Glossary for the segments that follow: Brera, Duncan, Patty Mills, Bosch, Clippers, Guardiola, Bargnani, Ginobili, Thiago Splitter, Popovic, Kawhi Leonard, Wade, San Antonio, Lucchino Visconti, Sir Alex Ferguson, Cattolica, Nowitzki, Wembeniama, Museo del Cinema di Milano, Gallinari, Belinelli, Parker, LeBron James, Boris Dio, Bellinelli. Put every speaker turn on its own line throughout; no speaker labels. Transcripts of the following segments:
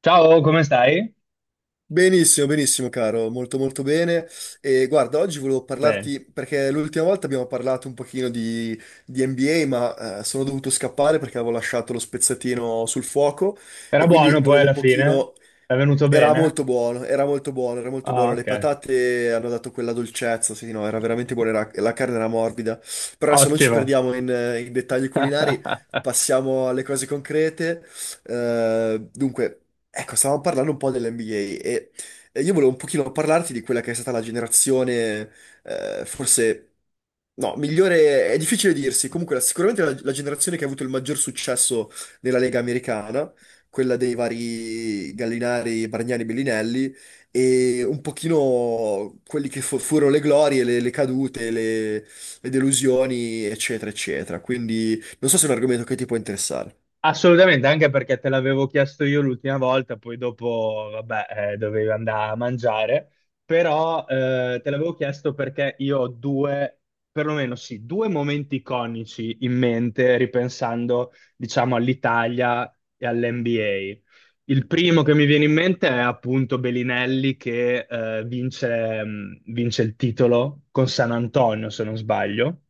Ciao, come stai?
Benissimo, benissimo, caro, molto molto bene. E guarda, oggi volevo
Bene.
parlarti perché l'ultima volta abbiamo parlato un pochino di NBA, ma sono dovuto scappare perché avevo lasciato lo spezzatino sul fuoco
Era
e quindi
buono poi
volevo un
alla fine?
pochino.
È venuto
Era
bene?
molto buono, era molto buono, era molto
Ah,
buono. Le
ok.
patate hanno dato quella dolcezza, sì, no, era veramente buona, la carne era morbida. Però adesso non ci
Ottimo.
perdiamo in dettagli culinari, passiamo alle cose concrete. Dunque, ecco, stavamo parlando un po' dell'NBA e e io volevo un pochino parlarti di quella che è stata la generazione, forse. No, migliore è difficile dirsi. Comunque, sicuramente la generazione che ha avuto il maggior successo nella Lega americana, quella dei vari Gallinari, Bargnani, Bellinelli e un pochino quelli che furono le glorie, le cadute, le delusioni, eccetera, eccetera. Quindi non so se è un argomento che ti può interessare.
Assolutamente, anche perché te l'avevo chiesto io l'ultima volta, poi dopo, vabbè, dovevi andare a mangiare, però te l'avevo chiesto perché io ho due, perlomeno sì, due momenti iconici in mente, ripensando, diciamo, all'Italia e all'NBA. Il primo che mi viene in mente è appunto Belinelli che vince, vince il titolo con San Antonio, se non sbaglio.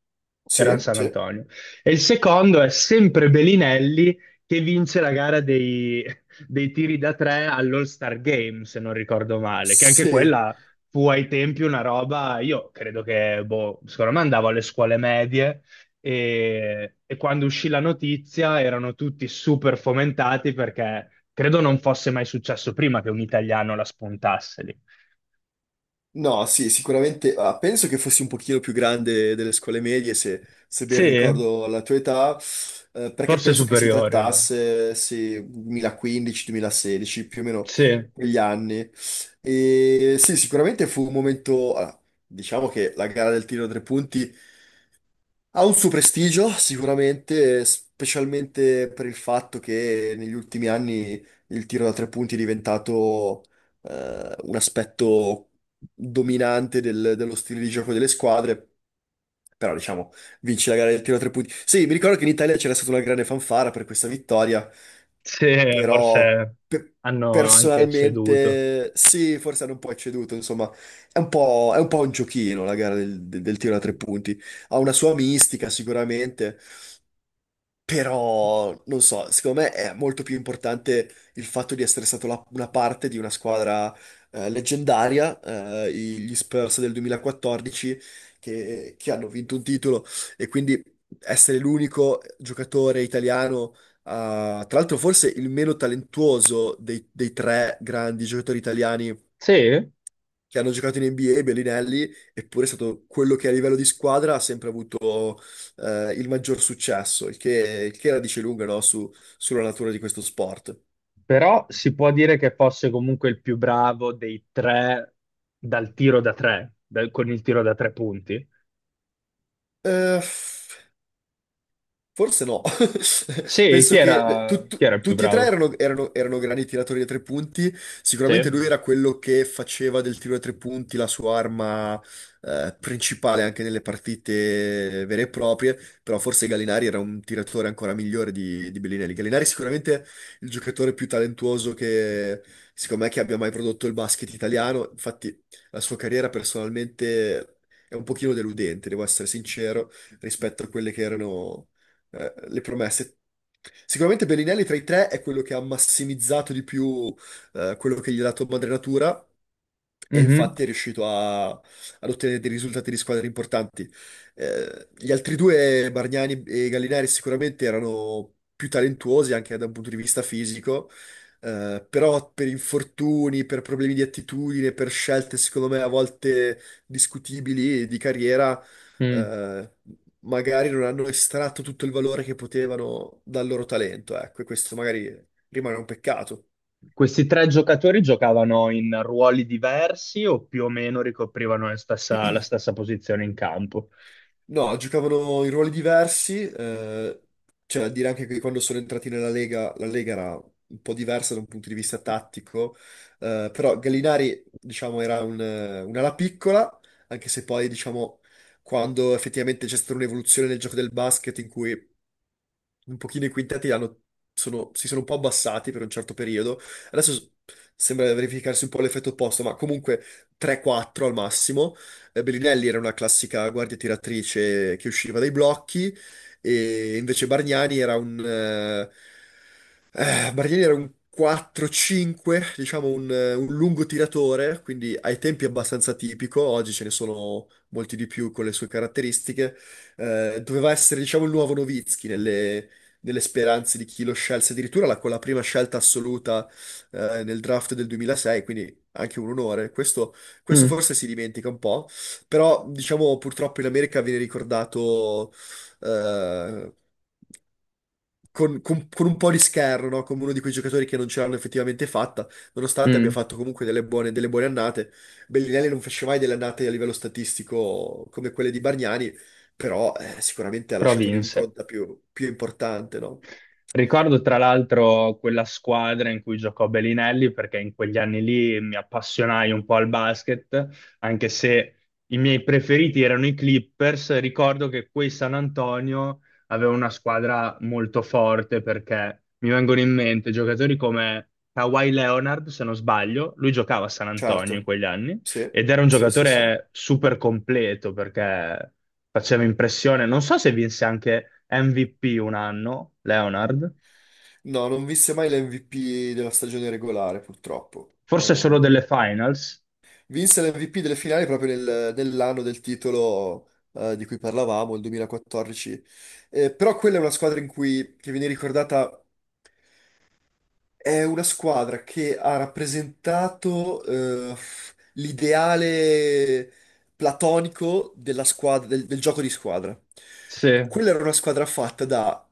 Era
Sì,
San
sì.
Antonio. E il secondo è sempre Belinelli che vince la gara dei tiri da tre all'All-Star Game, se non ricordo male, che anche
Sì.
quella fu ai tempi una roba. Io credo che, boh, secondo me andavo alle scuole medie e quando uscì la notizia erano tutti super fomentati perché credo non fosse mai successo prima che un italiano la spuntasse lì.
No, sì, sicuramente. Penso che fossi un pochino più grande delle scuole medie, se ben
Sì,
ricordo la tua età, perché
forse
penso che si
superiori allora.
trattasse, sì, 2015-2016, più o meno
Sì,
quegli anni. E sì, sicuramente fu un momento, diciamo, che la gara del tiro a tre punti ha un suo prestigio, sicuramente, specialmente per il fatto che negli ultimi anni il tiro da tre punti è diventato un aspetto dominante dello stile di gioco delle squadre. Però, diciamo, vince la gara del tiro da tre punti. Sì, mi ricordo che in Italia c'era stata una grande fanfara per questa vittoria,
sì,
però
forse
pe-
hanno anche ceduto.
personalmente sì, forse hanno un po' ecceduto, insomma, è un po' un giochino la gara del tiro da tre punti, ha una sua mistica sicuramente, però, non so, secondo me è molto più importante il fatto di essere stato una parte di una squadra leggendaria, gli Spurs del 2014, che hanno vinto un titolo e quindi essere l'unico giocatore italiano, tra l'altro forse il meno talentuoso dei tre grandi giocatori italiani
Sì?
che hanno giocato in NBA, Bellinelli, eppure è stato quello che a livello di squadra ha sempre avuto il maggior successo, il che la dice lunga, no, sulla natura di questo sport.
Però si può dire che fosse comunque il più bravo dei tre dal tiro da tre, con il tiro da tre punti.
Eh, Forse no.
Sì,
Penso che
chi era il più
tutti e tre
bravo?
erano, erano grandi tiratori da tre punti.
Sì.
Sicuramente lui era quello che faceva del tiro da tre punti la sua arma principale anche nelle partite vere e proprie, però forse Gallinari era un tiratore ancora migliore di Bellinelli. Gallinari è sicuramente il giocatore più talentuoso che secondo me che abbia mai prodotto il basket italiano. Infatti la sua carriera personalmente è un pochino deludente, devo essere sincero rispetto a quelle che erano le promesse. Sicuramente Bellinelli tra i tre è quello che ha massimizzato di più quello che gli ha dato Madre Natura e
Mhm.
infatti è riuscito ad ottenere dei risultati di squadre importanti. Gli altri due, Bargnani e Gallinari, sicuramente erano più talentuosi anche da un punto di vista fisico, però per infortuni, per problemi di attitudine, per scelte secondo me a volte discutibili di carriera,
Mm.
magari non hanno estratto tutto il valore che potevano dal loro talento, ecco, e questo magari rimane un peccato.
Questi tre giocatori giocavano in ruoli diversi o più o meno ricoprivano la stessa posizione in campo?
No, giocavano in ruoli diversi, cioè a dire anche che quando sono entrati nella Lega, la Lega era un po' diversa da un punto di vista tattico, però Gallinari, diciamo, era un'ala piccola, anche se poi, diciamo, quando effettivamente c'è stata un'evoluzione nel gioco del basket in cui un pochino i quintetti si sono un po' abbassati per un certo periodo. Adesso sembra verificarsi un po' l'effetto opposto, ma comunque 3-4 al massimo. Bellinelli era una classica guardia tiratrice che usciva dai blocchi, e invece Bargnani era un 4-5, diciamo un lungo tiratore, quindi ai tempi abbastanza tipico, oggi ce ne sono molti di più con le sue caratteristiche. Doveva essere, diciamo, il nuovo Nowitzki delle speranze di chi lo scelse, addirittura con la prima scelta assoluta nel draft del 2006, quindi anche un onore. Questo
Mm.
forse si dimentica un po', però diciamo purtroppo in America viene ricordato, eh, con un po' di scherno, no? Come uno di quei giocatori che non ce l'hanno effettivamente fatta, nonostante abbia
Mm.
fatto comunque delle buone annate. Bellinelli non fece mai delle annate a livello statistico come quelle di Bargnani, però sicuramente ha
Però
lasciato
vinse.
un'impronta più importante, no?
Ricordo tra l'altro quella squadra in cui giocò Bellinelli perché in quegli anni lì mi appassionai un po' al basket, anche se i miei preferiti erano i Clippers. Ricordo che quei San Antonio aveva una squadra molto forte perché mi vengono in mente giocatori come Kawhi Leonard, se non sbaglio, lui giocava a San Antonio in
Certo,
quegli anni
sì,
ed era un
sì, sì, sì.
giocatore super completo perché faceva impressione. Non so se vinse anche MVP un anno, Leonard,
No, non vinse mai l'MVP della stagione regolare, purtroppo.
forse solo delle finals.
Vinse l'MVP delle finali proprio nell'anno del titolo, di cui parlavamo, il 2014. Però quella è una squadra in cui, che viene ricordata. È una squadra che ha rappresentato, l'ideale platonico della squadra, del gioco di squadra.
Sì, è
Quella era una squadra fatta da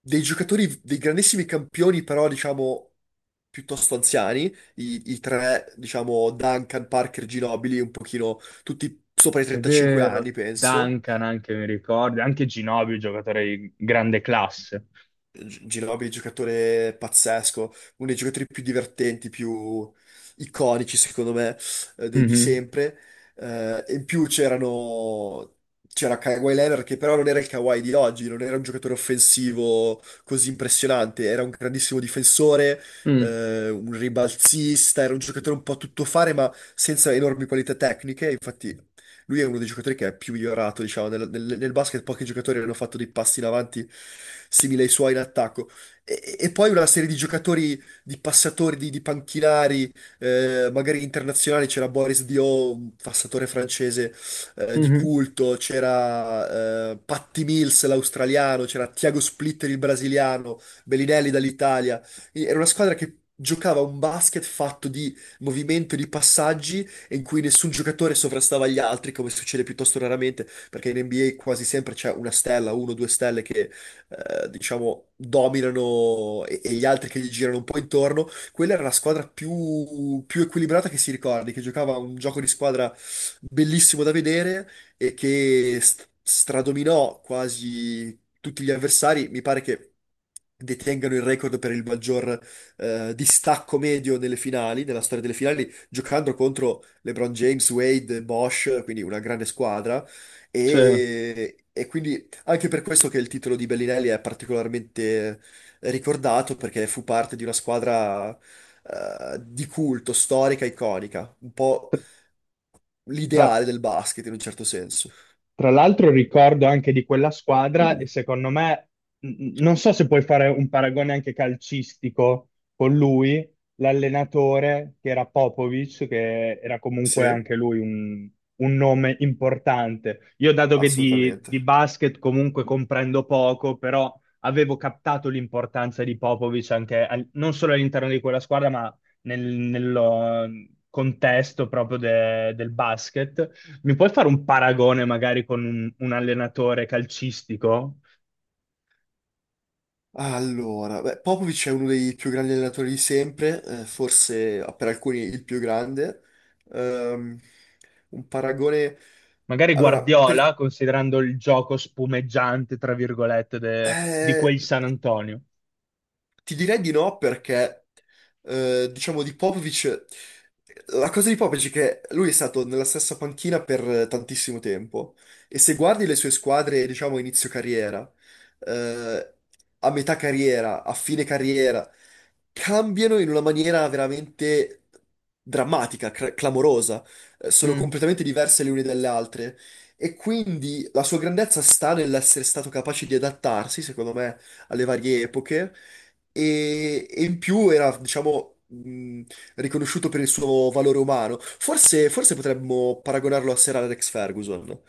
dei giocatori, dei grandissimi campioni, però diciamo piuttosto anziani, i tre, diciamo Duncan, Parker, Ginobili, un pochino tutti sopra i 35
vero.
anni, penso.
Duncan anche mi ricordo, anche Ginobili, giocatore di grande classe.
Ginobili è un giocatore pazzesco, uno dei giocatori più divertenti, più iconici, secondo me, di
Mhm.
sempre. E in più c'erano. C'era Kawhi Leonard che però non era il Kawhi di oggi, non era un giocatore offensivo così impressionante, era un grandissimo difensore,
Mm.
un ribalzista, era un giocatore un po' a tuttofare ma senza enormi qualità tecniche, infatti lui è uno dei giocatori che è più migliorato, diciamo, nel basket. Pochi giocatori hanno fatto dei passi in avanti simili ai suoi in attacco. E poi una serie di giocatori, di passatori, di panchinari, magari internazionali, c'era Boris Dio, un passatore francese di
Mhm.
culto, c'era Patty Mills, l'australiano, c'era Thiago Splitter, il brasiliano, Bellinelli dall'Italia. Era una squadra che giocava un basket fatto di movimento e di passaggi in cui nessun giocatore sovrastava gli altri, come succede piuttosto raramente, perché in NBA quasi sempre c'è una stella, uno o due stelle che, diciamo, dominano e gli altri che gli girano un po' intorno. Quella era la squadra più equilibrata che si ricordi, che giocava un gioco di squadra bellissimo da vedere e che stradominò quasi tutti gli avversari. Mi pare che detengano il record per il maggior distacco medio nelle finali, nella storia delle finali, giocando contro LeBron James, Wade, Bosch, quindi una grande squadra.
Sì.
E quindi anche per questo che il titolo di Bellinelli è particolarmente ricordato, perché fu parte di una squadra di culto, storica, iconica, un po'
Tra-
l'ideale del basket in un certo senso.
Tra l'altro ricordo anche di quella squadra e secondo me, non so se puoi fare un paragone anche calcistico con lui, l'allenatore che era Popovic, che era comunque
Sì,
anche lui un nome importante. Io dato che
assolutamente.
di basket comunque comprendo poco, però avevo captato l'importanza di Popovic anche non solo all'interno di quella squadra, ma nel, nello contesto proprio del basket. Mi puoi fare un paragone magari con un allenatore calcistico?
Allora, beh, Popovic è uno dei più grandi allenatori di sempre, forse, per alcuni il più grande. Ehm, un paragone.
Magari
Allora,
Guardiola, considerando il gioco spumeggiante, tra virgolette, di
eh,
quel San Antonio.
Ti direi di no perché, diciamo, di Popovic, la cosa di Popovic è che lui è stato nella stessa panchina per tantissimo tempo e se guardi le sue squadre, diciamo, a inizio carriera, eh, a metà carriera, a fine carriera, cambiano in una maniera veramente drammatica, clamorosa. Sono
Mm.
completamente diverse le une dalle altre e quindi la sua grandezza sta nell'essere stato capace di adattarsi, secondo me, alle varie epoche e in più era, diciamo, riconosciuto per il suo valore umano. Forse, forse potremmo paragonarlo a Sir Alex Ferguson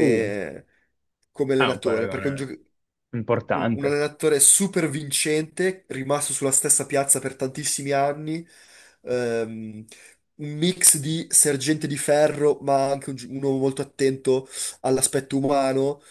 Uh,
come
è un
allenatore, perché è un,
paragone
gioc- un, un
importante.
allenatore super vincente, rimasto sulla stessa piazza per tantissimi anni, ehm, un mix di sergente di ferro, ma anche uno molto attento all'aspetto umano,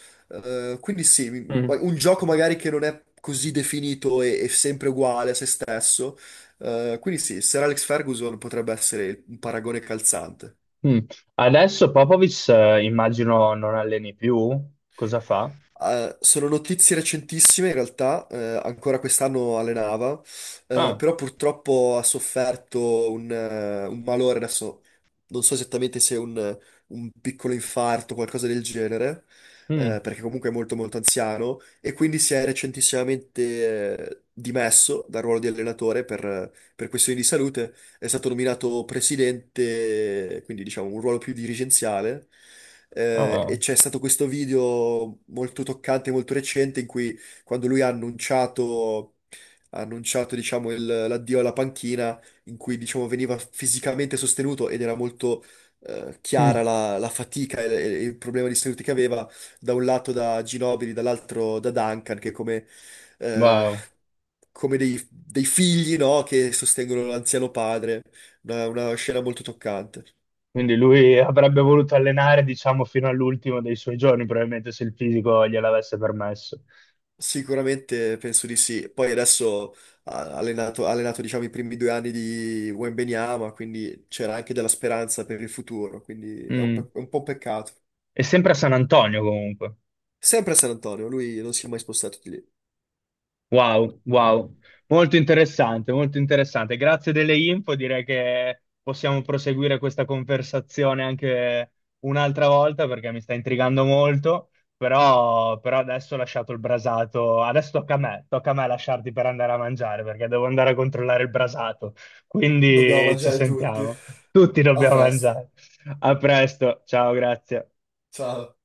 quindi sì,
Mm.
un gioco magari che non è così definito e sempre uguale a se stesso. Quindi sì, Sir Alex Ferguson potrebbe essere un paragone calzante.
Mm. Adesso Popovic, immagino non alleni più. Cosa fa?
Sono notizie recentissime, in realtà, ancora quest'anno allenava,
Ah,
però purtroppo ha sofferto un malore. Adesso non so esattamente se è un piccolo infarto o qualcosa del genere,
mm.
perché comunque è molto molto anziano, e quindi si è recentissimamente, dimesso dal ruolo di allenatore per questioni di salute. È stato nominato presidente, quindi diciamo un ruolo più dirigenziale, e
Ah.
c'è stato questo video molto toccante, molto recente, in cui quando lui ha annunciato, diciamo, l'addio alla panchina, in cui diciamo, veniva fisicamente sostenuto ed era molto,
Mm.
chiara la fatica e il problema di salute che aveva, da un lato da Ginobili, dall'altro da Duncan, che eh,
Wow.
come dei figli, no, che sostengono l'anziano padre. Una scena molto toccante.
Quindi lui avrebbe voluto allenare, diciamo, fino all'ultimo dei suoi giorni, probabilmente se il fisico gliel'avesse permesso.
Sicuramente penso di sì. Poi adesso ha allenato, diciamo, i primi 2 anni di Wembeniama, quindi c'era anche della speranza per il futuro, quindi è un,
Mm.
pe- è un po' un peccato.
È sempre a San Antonio comunque.
Sempre a San Antonio, lui non si è mai spostato di lì.
Wow, wow, molto interessante, molto interessante. Grazie delle info, direi che possiamo proseguire questa conversazione anche un'altra volta perché mi sta intrigando molto, però, però adesso ho lasciato il brasato, adesso tocca a me lasciarti per andare a mangiare perché devo andare a controllare il brasato,
Dobbiamo
quindi ci
mangiare tutti.
sentiamo, tutti
A
dobbiamo
festa.
mangiare. A presto, ciao, grazie.
Ciao.